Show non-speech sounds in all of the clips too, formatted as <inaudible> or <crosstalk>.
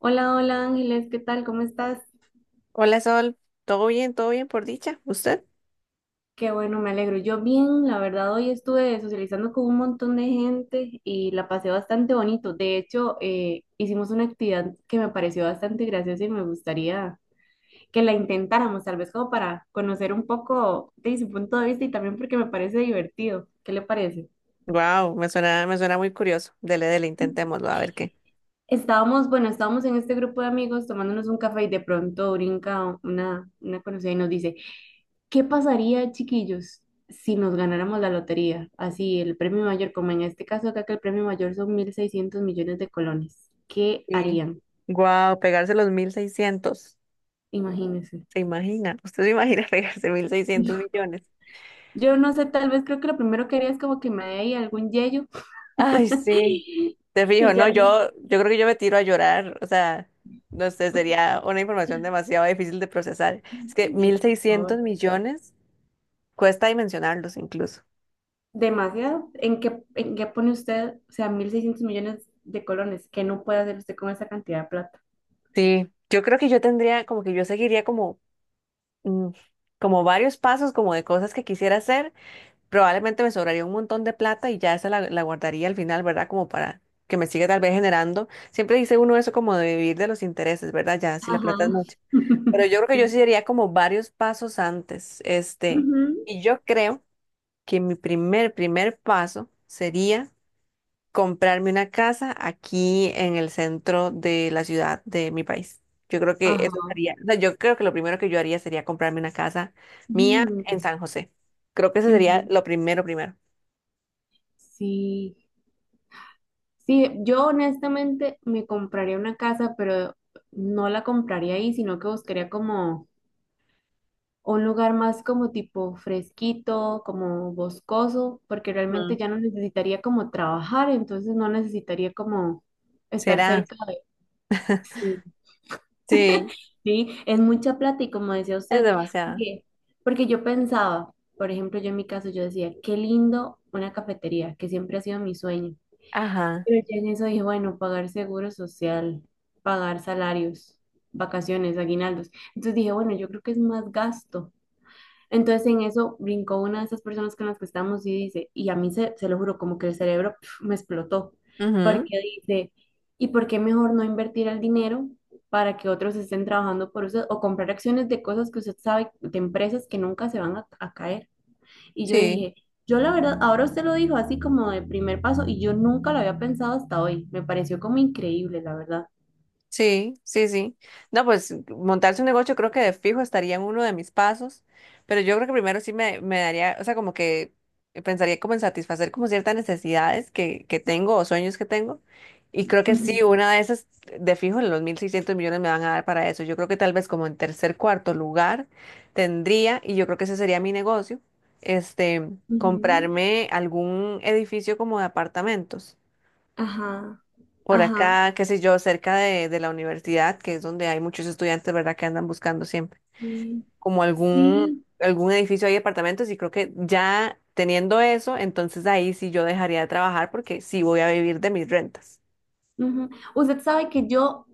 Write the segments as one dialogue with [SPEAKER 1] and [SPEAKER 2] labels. [SPEAKER 1] Hola, hola Ángeles, ¿qué tal? ¿Cómo estás?
[SPEAKER 2] Hola Sol, ¿todo bien? ¿Todo bien por dicha? ¿Usted?
[SPEAKER 1] Qué bueno, me alegro. Yo bien, la verdad, hoy estuve socializando con un montón de gente y la pasé bastante bonito. De hecho, hicimos una actividad que me pareció bastante graciosa y me gustaría que la intentáramos, tal vez como para conocer un poco de su punto de vista y también porque me parece divertido. ¿Qué le parece?
[SPEAKER 2] Wow, me suena muy curioso. Dele, dele, intentémoslo, a ver qué.
[SPEAKER 1] Estábamos, bueno, estábamos en este grupo de amigos tomándonos un café y de pronto brinca una conocida y nos dice, ¿qué pasaría, chiquillos, si nos ganáramos la lotería? Así, el premio mayor, como en este caso acá que el premio mayor son 1600 millones de colones. ¿Qué
[SPEAKER 2] Sí.
[SPEAKER 1] harían?
[SPEAKER 2] Wow, pegarse los 1.600.
[SPEAKER 1] Imagínense.
[SPEAKER 2] ¿Se imagina? ¿Usted se imagina <laughs> pegarse 1.600
[SPEAKER 1] <laughs>
[SPEAKER 2] millones?
[SPEAKER 1] Yo no sé, tal vez creo que lo primero que haría es como que me dé ahí algún yello.
[SPEAKER 2] Ay, sí.
[SPEAKER 1] <laughs>
[SPEAKER 2] Te fijo,
[SPEAKER 1] Y ya
[SPEAKER 2] no, yo creo que yo me tiro a llorar. O sea, no sé, sería una información demasiado difícil de procesar. Es que
[SPEAKER 1] le-
[SPEAKER 2] mil
[SPEAKER 1] por
[SPEAKER 2] seiscientos
[SPEAKER 1] favor.
[SPEAKER 2] millones cuesta dimensionarlos incluso.
[SPEAKER 1] Demasiado. ¿En qué pone usted, o sea, 1600 millones de colones? ¿Qué no puede hacer usted con esa cantidad de plata?
[SPEAKER 2] Sí, yo creo que yo tendría, como que yo seguiría como mm, como varios pasos, como de cosas que quisiera hacer, probablemente me sobraría un montón de plata y ya esa la guardaría al final, ¿verdad? Como para que me siga tal vez generando. Siempre dice uno eso como de vivir de los intereses, ¿verdad? Ya, si la plata es
[SPEAKER 1] Ajá.
[SPEAKER 2] mucha. Pero
[SPEAKER 1] <laughs>
[SPEAKER 2] yo creo que yo sí
[SPEAKER 1] Sí.
[SPEAKER 2] haría como varios pasos antes, este,
[SPEAKER 1] Ujú.
[SPEAKER 2] y yo creo que mi primer paso sería comprarme una casa aquí en el centro de la ciudad de mi país. Yo creo que eso
[SPEAKER 1] Ajá.
[SPEAKER 2] sería, o sea, yo creo que lo primero que yo haría sería comprarme una casa mía en
[SPEAKER 1] Mm.
[SPEAKER 2] San José. Creo que eso sería
[SPEAKER 1] Ujú.
[SPEAKER 2] lo primero, primero.
[SPEAKER 1] Sí, sí, yo honestamente me compraría una casa, pero no la compraría ahí, sino que buscaría como un lugar más como tipo fresquito, como boscoso, porque realmente
[SPEAKER 2] Ujú.
[SPEAKER 1] ya no necesitaría como trabajar, entonces no necesitaría como estar
[SPEAKER 2] ¿Será?
[SPEAKER 1] cerca de... Sí,
[SPEAKER 2] Sí,
[SPEAKER 1] sí, es mucha plata y como decía
[SPEAKER 2] es
[SPEAKER 1] usted,
[SPEAKER 2] demasiado.
[SPEAKER 1] porque, porque yo pensaba, por ejemplo, yo en mi caso, yo decía, qué lindo una cafetería, que siempre ha sido mi sueño.
[SPEAKER 2] Ajá.
[SPEAKER 1] Pero ya en eso dije, bueno, pagar seguro social, pagar salarios, vacaciones, aguinaldos. Entonces dije, bueno, yo creo que es más gasto. Entonces en eso brincó una de esas personas con las que estamos y dice, y a mí se lo juro, como que el cerebro pf, me explotó,
[SPEAKER 2] Ujú.
[SPEAKER 1] porque dice, ¿y por qué mejor no invertir el dinero para que otros estén trabajando por usted o comprar acciones de cosas que usted sabe, de empresas que nunca se van a caer? Y yo
[SPEAKER 2] Sí.
[SPEAKER 1] dije, yo la verdad, ahora usted lo dijo así como de primer paso y yo nunca lo había pensado hasta hoy. Me pareció como increíble, la verdad.
[SPEAKER 2] Sí, sí, sí. No, pues montarse un negocio creo que de fijo estaría en uno de mis pasos, pero yo creo que primero sí me daría, o sea, como que pensaría como en satisfacer como ciertas necesidades que tengo o sueños que tengo. Y creo que sí,
[SPEAKER 1] Ujú,
[SPEAKER 2] una de esas de fijo los 1.600 millones me van a dar para eso. Yo creo que tal vez como en tercer, cuarto lugar tendría, y yo creo que ese sería mi negocio, este,
[SPEAKER 1] ujú.
[SPEAKER 2] comprarme algún edificio como de apartamentos
[SPEAKER 1] Ajá,
[SPEAKER 2] por
[SPEAKER 1] ajá.
[SPEAKER 2] acá, qué sé yo, cerca de la universidad, que es donde hay muchos estudiantes, ¿verdad? Que andan buscando siempre
[SPEAKER 1] Sí,
[SPEAKER 2] como algún,
[SPEAKER 1] sí,
[SPEAKER 2] algún edificio, hay apartamentos y creo que ya teniendo eso, entonces ahí sí yo dejaría de trabajar porque sí voy a vivir de mis rentas.
[SPEAKER 1] ujú. Usted sabe que yo,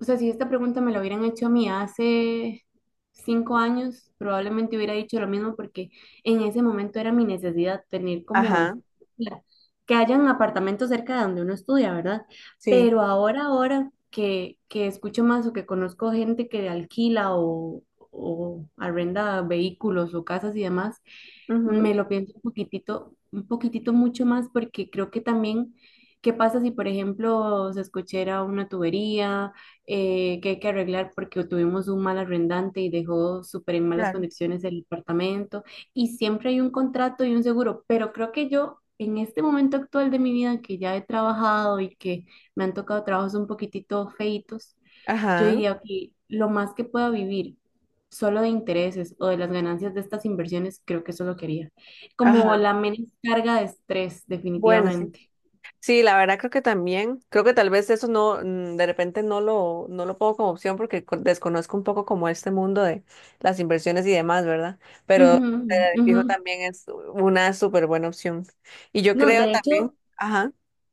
[SPEAKER 1] o sea, si esta pregunta me la hubieran hecho a mí hace 5 años, probablemente hubiera dicho lo mismo porque en ese momento era mi necesidad tener
[SPEAKER 2] Ajá,
[SPEAKER 1] como la- que hayan apartamentos cerca de donde uno estudia, ¿verdad?
[SPEAKER 2] sí.
[SPEAKER 1] Pero ahora que, escucho más o que conozco gente que alquila o arrenda vehículos o casas y demás,
[SPEAKER 2] Ujú.
[SPEAKER 1] me lo pienso un poquitito mucho más porque creo que también, ¿qué pasa si, por ejemplo, se escuchara una tubería que hay que arreglar porque tuvimos un mal arrendante y dejó súper en malas
[SPEAKER 2] Claro.
[SPEAKER 1] condiciones el departamento? Y siempre hay un contrato y un seguro, pero creo que yo en este momento actual de mi vida que ya he trabajado y que me han tocado trabajos un poquitito feitos, yo
[SPEAKER 2] Ajá,
[SPEAKER 1] diría que lo más que pueda vivir solo de intereses o de las ganancias de estas inversiones, creo que eso es lo que haría. Como
[SPEAKER 2] ajá.
[SPEAKER 1] la menos carga de estrés,
[SPEAKER 2] Bueno, sí.
[SPEAKER 1] definitivamente.
[SPEAKER 2] Sí, la verdad creo que también, creo que tal vez eso no, de repente no lo pongo como opción porque desconozco un poco como este mundo de las inversiones y demás, ¿verdad? Pero
[SPEAKER 1] Ujú, ujú.
[SPEAKER 2] fijo también es una súper buena opción. Y yo
[SPEAKER 1] No,
[SPEAKER 2] creo también, ajá,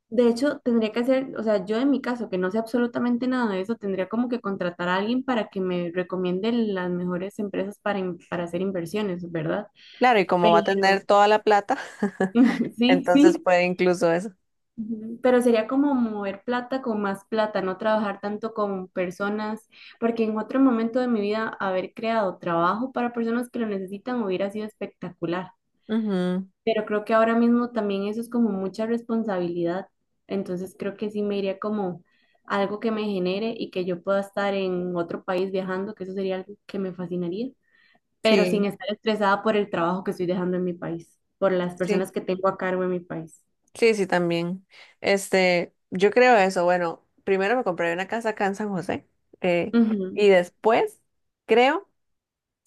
[SPEAKER 1] de hecho, tendría que hacer, o sea, yo en mi caso, que no sé absolutamente nada de eso, tendría como que contratar a alguien para que me recomiende las mejores empresas para, para hacer inversiones, ¿verdad?
[SPEAKER 2] claro, y como va a tener
[SPEAKER 1] Pero,
[SPEAKER 2] toda la plata, <laughs>
[SPEAKER 1] <laughs> sí,
[SPEAKER 2] entonces
[SPEAKER 1] sí.
[SPEAKER 2] puede incluso eso.
[SPEAKER 1] Ujú. Pero sería como mover plata con más plata, no trabajar tanto con personas, porque en otro momento de mi vida haber creado trabajo para personas que lo necesitan hubiera sido espectacular.
[SPEAKER 2] Ujú.
[SPEAKER 1] Pero creo que ahora mismo también eso es como mucha responsabilidad, entonces creo que sí me iría como algo que me genere y que yo pueda estar en otro país viajando, que eso sería algo que me fascinaría, pero sin
[SPEAKER 2] Sí,
[SPEAKER 1] estar estresada por el trabajo que estoy dejando en mi país, por las
[SPEAKER 2] sí,
[SPEAKER 1] personas que tengo a cargo en mi país.
[SPEAKER 2] sí, sí, también. Este, yo creo eso. Bueno, primero me compré una casa acá en San José, eh,
[SPEAKER 1] Ujú,
[SPEAKER 2] y después creo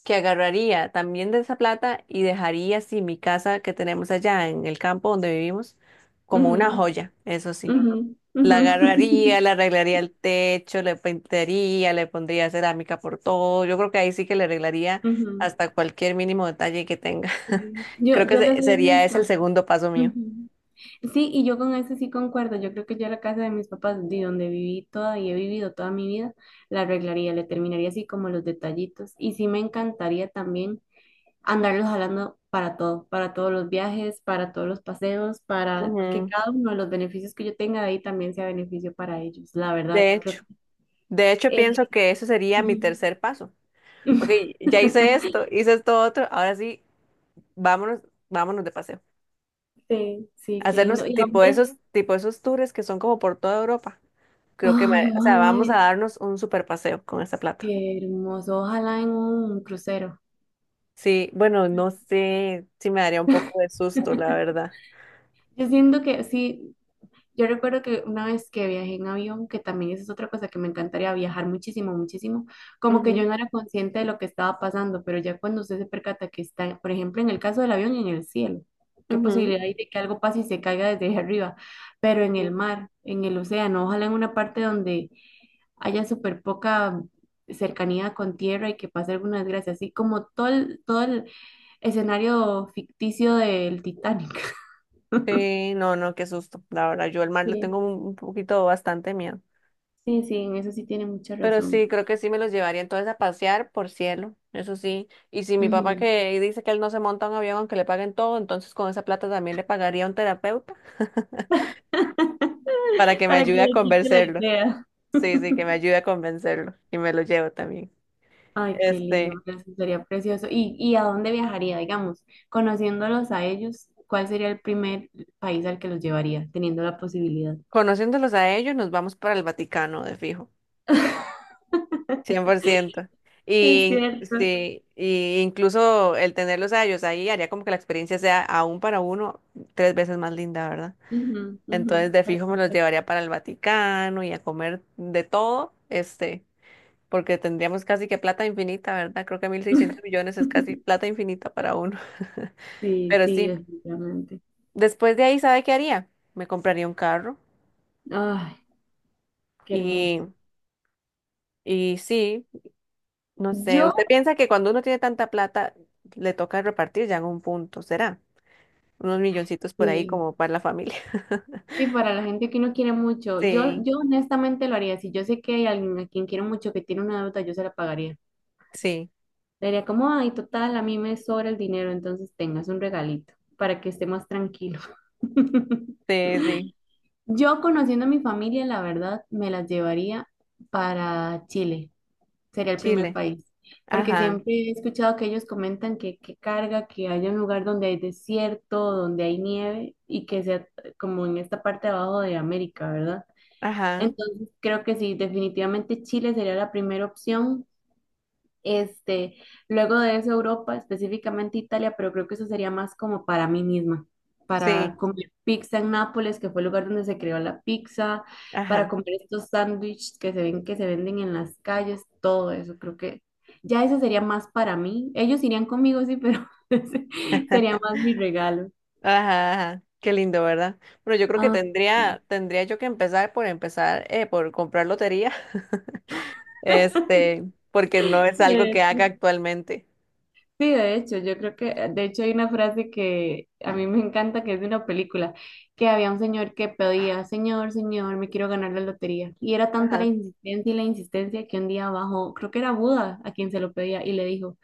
[SPEAKER 2] que agarraría también de esa plata y dejaría así mi casa que tenemos allá en el campo donde vivimos como una
[SPEAKER 1] ujú.
[SPEAKER 2] joya, eso sí.
[SPEAKER 1] Ujú,
[SPEAKER 2] La
[SPEAKER 1] ujú,
[SPEAKER 2] agarraría, le
[SPEAKER 1] <laughs>
[SPEAKER 2] arreglaría el techo, le pintaría, le pondría cerámica por todo. Yo creo que ahí sí que le arreglaría
[SPEAKER 1] ujú.
[SPEAKER 2] hasta cualquier mínimo detalle que tenga. <laughs>
[SPEAKER 1] Sí.
[SPEAKER 2] Creo
[SPEAKER 1] Yo,
[SPEAKER 2] que
[SPEAKER 1] yo le soy
[SPEAKER 2] sería ese el
[SPEAKER 1] honesta.
[SPEAKER 2] segundo paso mío.
[SPEAKER 1] Ujú. Sí, y yo con eso sí concuerdo. Yo creo que yo la casa de mis papás, de donde viví toda y he vivido toda mi vida, la arreglaría, le terminaría así como los detallitos. Y sí me encantaría también andarlos jalando para todo, para todos los viajes, para todos los paseos, para que
[SPEAKER 2] Ujú.
[SPEAKER 1] cada uno de los beneficios que yo tenga de ahí también sea beneficio para ellos. La verdad,
[SPEAKER 2] De
[SPEAKER 1] creo
[SPEAKER 2] hecho,
[SPEAKER 1] que...
[SPEAKER 2] de hecho
[SPEAKER 1] eh,
[SPEAKER 2] pienso que eso sería mi
[SPEAKER 1] ujú.
[SPEAKER 2] tercer paso. Ok, ya
[SPEAKER 1] <laughs>
[SPEAKER 2] hice esto otro, ahora sí, vámonos, vámonos de paseo.
[SPEAKER 1] Sí, sí, qué lindo.
[SPEAKER 2] Hacernos
[SPEAKER 1] Y hombre,
[SPEAKER 2] tipo esos tours que son como por toda Europa. Creo que,
[SPEAKER 1] ay,
[SPEAKER 2] o
[SPEAKER 1] ojalá,
[SPEAKER 2] sea, vamos a
[SPEAKER 1] en-
[SPEAKER 2] darnos un super paseo con esta plata.
[SPEAKER 1] qué hermoso, ojalá en un crucero.
[SPEAKER 2] Sí, bueno, no sé si me daría un poco de susto, la
[SPEAKER 1] <laughs>
[SPEAKER 2] verdad.
[SPEAKER 1] Yo siento que sí, yo recuerdo que una vez que viajé en avión, que también esa es otra cosa que me encantaría viajar muchísimo, muchísimo, como que yo
[SPEAKER 2] Ujú,
[SPEAKER 1] no era consciente de lo que estaba pasando, pero ya cuando usted se percata que está, por ejemplo, en el caso del avión, en el cielo, qué
[SPEAKER 2] ujú.
[SPEAKER 1] posibilidad hay de que algo pase y se caiga desde ahí arriba, pero en el
[SPEAKER 2] Sí.
[SPEAKER 1] mar, en el océano, ojalá en una parte donde haya súper poca cercanía con tierra y que pase alguna desgracia, así como todo el escenario ficticio del Titanic. <laughs>
[SPEAKER 2] Sí, no, no, qué susto. La verdad, yo al mar le
[SPEAKER 1] Sí,
[SPEAKER 2] tengo un poquito bastante miedo.
[SPEAKER 1] sí, sí, en eso sí tiene mucha
[SPEAKER 2] Pero sí,
[SPEAKER 1] razón.
[SPEAKER 2] creo que sí me los llevaría entonces a pasear por cielo, eso sí. Y si mi papá
[SPEAKER 1] Ujú.
[SPEAKER 2] que dice que él no se monta a un avión aunque le paguen todo, entonces con esa plata también le pagaría a un terapeuta <laughs> para
[SPEAKER 1] <laughs>
[SPEAKER 2] que me
[SPEAKER 1] Para que
[SPEAKER 2] ayude a
[SPEAKER 1] le quite la
[SPEAKER 2] convencerlo.
[SPEAKER 1] idea.
[SPEAKER 2] Sí, sí, que me
[SPEAKER 1] <laughs>
[SPEAKER 2] ayude a convencerlo y me lo llevo también.
[SPEAKER 1] Ay, qué
[SPEAKER 2] Este,
[SPEAKER 1] lindo, pero eso sería precioso. Y a dónde viajaría, digamos? Conociéndolos a ellos, ¿cuál sería el primer país al que los llevaría, teniendo la posibilidad?
[SPEAKER 2] conociéndolos a ellos, nos vamos para el Vaticano, de fijo, 100%.
[SPEAKER 1] Es
[SPEAKER 2] Y
[SPEAKER 1] cierto.
[SPEAKER 2] sí, y incluso el tenerlos a ellos ahí haría como que la experiencia sea aún para uno 3 veces más linda, ¿verdad?
[SPEAKER 1] Ujú, ujú.
[SPEAKER 2] Entonces, de
[SPEAKER 1] Para
[SPEAKER 2] fijo me los
[SPEAKER 1] comprar.
[SPEAKER 2] llevaría para el Vaticano y a comer de todo, este, porque tendríamos casi que plata infinita, ¿verdad? Creo que 1.600 millones es casi
[SPEAKER 1] <laughs>
[SPEAKER 2] plata infinita para uno. <laughs>
[SPEAKER 1] Sí,
[SPEAKER 2] Pero
[SPEAKER 1] sí,
[SPEAKER 2] sí,
[SPEAKER 1] definitivamente.
[SPEAKER 2] después de ahí, ¿sabe qué haría? Me compraría un carro.
[SPEAKER 1] Ay, qué hermoso.
[SPEAKER 2] Y, y sí, no sé, usted
[SPEAKER 1] Yo,
[SPEAKER 2] piensa que cuando uno tiene tanta plata, le toca repartir ya en un punto, ¿será? Unos milloncitos por ahí
[SPEAKER 1] sí,
[SPEAKER 2] como para la familia. <laughs>
[SPEAKER 1] sí, para la gente que no quiere mucho, yo,
[SPEAKER 2] Sí,
[SPEAKER 1] yo honestamente lo haría. Si yo sé que hay alguien a quien quiero mucho que tiene una deuda, yo se la pagaría.
[SPEAKER 2] sí,
[SPEAKER 1] Le diría como, ay, total, a mí me sobra el dinero, entonces tengas un regalito para que esté más tranquilo. <laughs>
[SPEAKER 2] sí, sí.
[SPEAKER 1] Yo conociendo a mi familia, la verdad, me las llevaría para Chile, sería el primer
[SPEAKER 2] Chile.
[SPEAKER 1] país, porque
[SPEAKER 2] Ajá,
[SPEAKER 1] siempre he escuchado que ellos comentan que carga, que haya un lugar donde hay desierto, donde hay nieve y que sea como en esta parte de abajo de América, ¿verdad?
[SPEAKER 2] ajá,
[SPEAKER 1] Entonces creo que sí, definitivamente Chile sería la primera opción, este, luego de eso Europa, específicamente Italia, pero creo que eso sería más como para mí misma,
[SPEAKER 2] sí,
[SPEAKER 1] para comer pizza en Nápoles, que fue el lugar donde se creó la pizza, para
[SPEAKER 2] ajá,
[SPEAKER 1] comer estos sándwiches que se ven que se venden en las calles, todo eso, creo que ya eso sería más para mí. Ellos irían conmigo, sí, pero <laughs> ese
[SPEAKER 2] <laughs>
[SPEAKER 1] sería
[SPEAKER 2] ajá,
[SPEAKER 1] más mi regalo.
[SPEAKER 2] ajá. Qué lindo, ¿verdad? Bueno, yo creo que
[SPEAKER 1] Ah,
[SPEAKER 2] tendría, tendría yo que empezar por empezar, por comprar lotería, <laughs> este, porque no es algo que haga
[SPEAKER 1] sí.
[SPEAKER 2] actualmente.
[SPEAKER 1] Sí, de hecho, yo creo que, de hecho hay una frase que a mí me encanta, que es de una película, que había un señor que pedía, señor, señor, me quiero ganar la lotería. Y era tanta la
[SPEAKER 2] Ajá.
[SPEAKER 1] insistencia y la insistencia que un día bajó, creo que era Buda a quien se lo pedía y le dijo,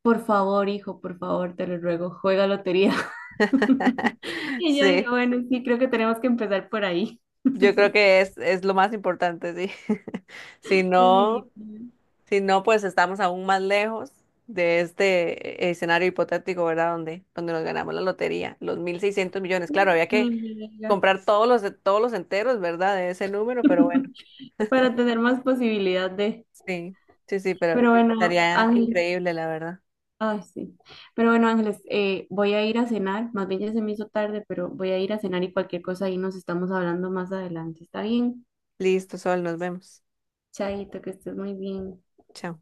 [SPEAKER 1] por favor, hijo, por favor, te lo ruego, juega lotería.
[SPEAKER 2] <laughs>
[SPEAKER 1] <laughs> Y yo digo,
[SPEAKER 2] Sí.
[SPEAKER 1] bueno, sí, creo que tenemos que empezar por ahí.
[SPEAKER 2] Yo creo que es lo más importante, sí. <laughs> Si
[SPEAKER 1] <laughs>
[SPEAKER 2] no,
[SPEAKER 1] Definitivamente.
[SPEAKER 2] si no, pues estamos aún más lejos de este escenario hipotético, ¿verdad? Donde nos ganamos la lotería, los 1.600 millones. Claro, había
[SPEAKER 1] Ni
[SPEAKER 2] que
[SPEAKER 1] me diga.
[SPEAKER 2] comprar todos todos los enteros, ¿verdad? De ese número, pero bueno,
[SPEAKER 1] <laughs> Para tener más posibilidad de...
[SPEAKER 2] sí, sí, sí, pero
[SPEAKER 1] Pero bueno,
[SPEAKER 2] estaría
[SPEAKER 1] Ángel.
[SPEAKER 2] increíble, la verdad.
[SPEAKER 1] Ay, sí. Pero bueno, Ángeles, voy a ir a cenar. Más bien ya se me hizo tarde, pero voy a ir a cenar y cualquier cosa ahí nos estamos hablando más adelante. ¿Está bien?
[SPEAKER 2] Listo, Sol, nos vemos.
[SPEAKER 1] Chaito, que estés muy bien.
[SPEAKER 2] Chao.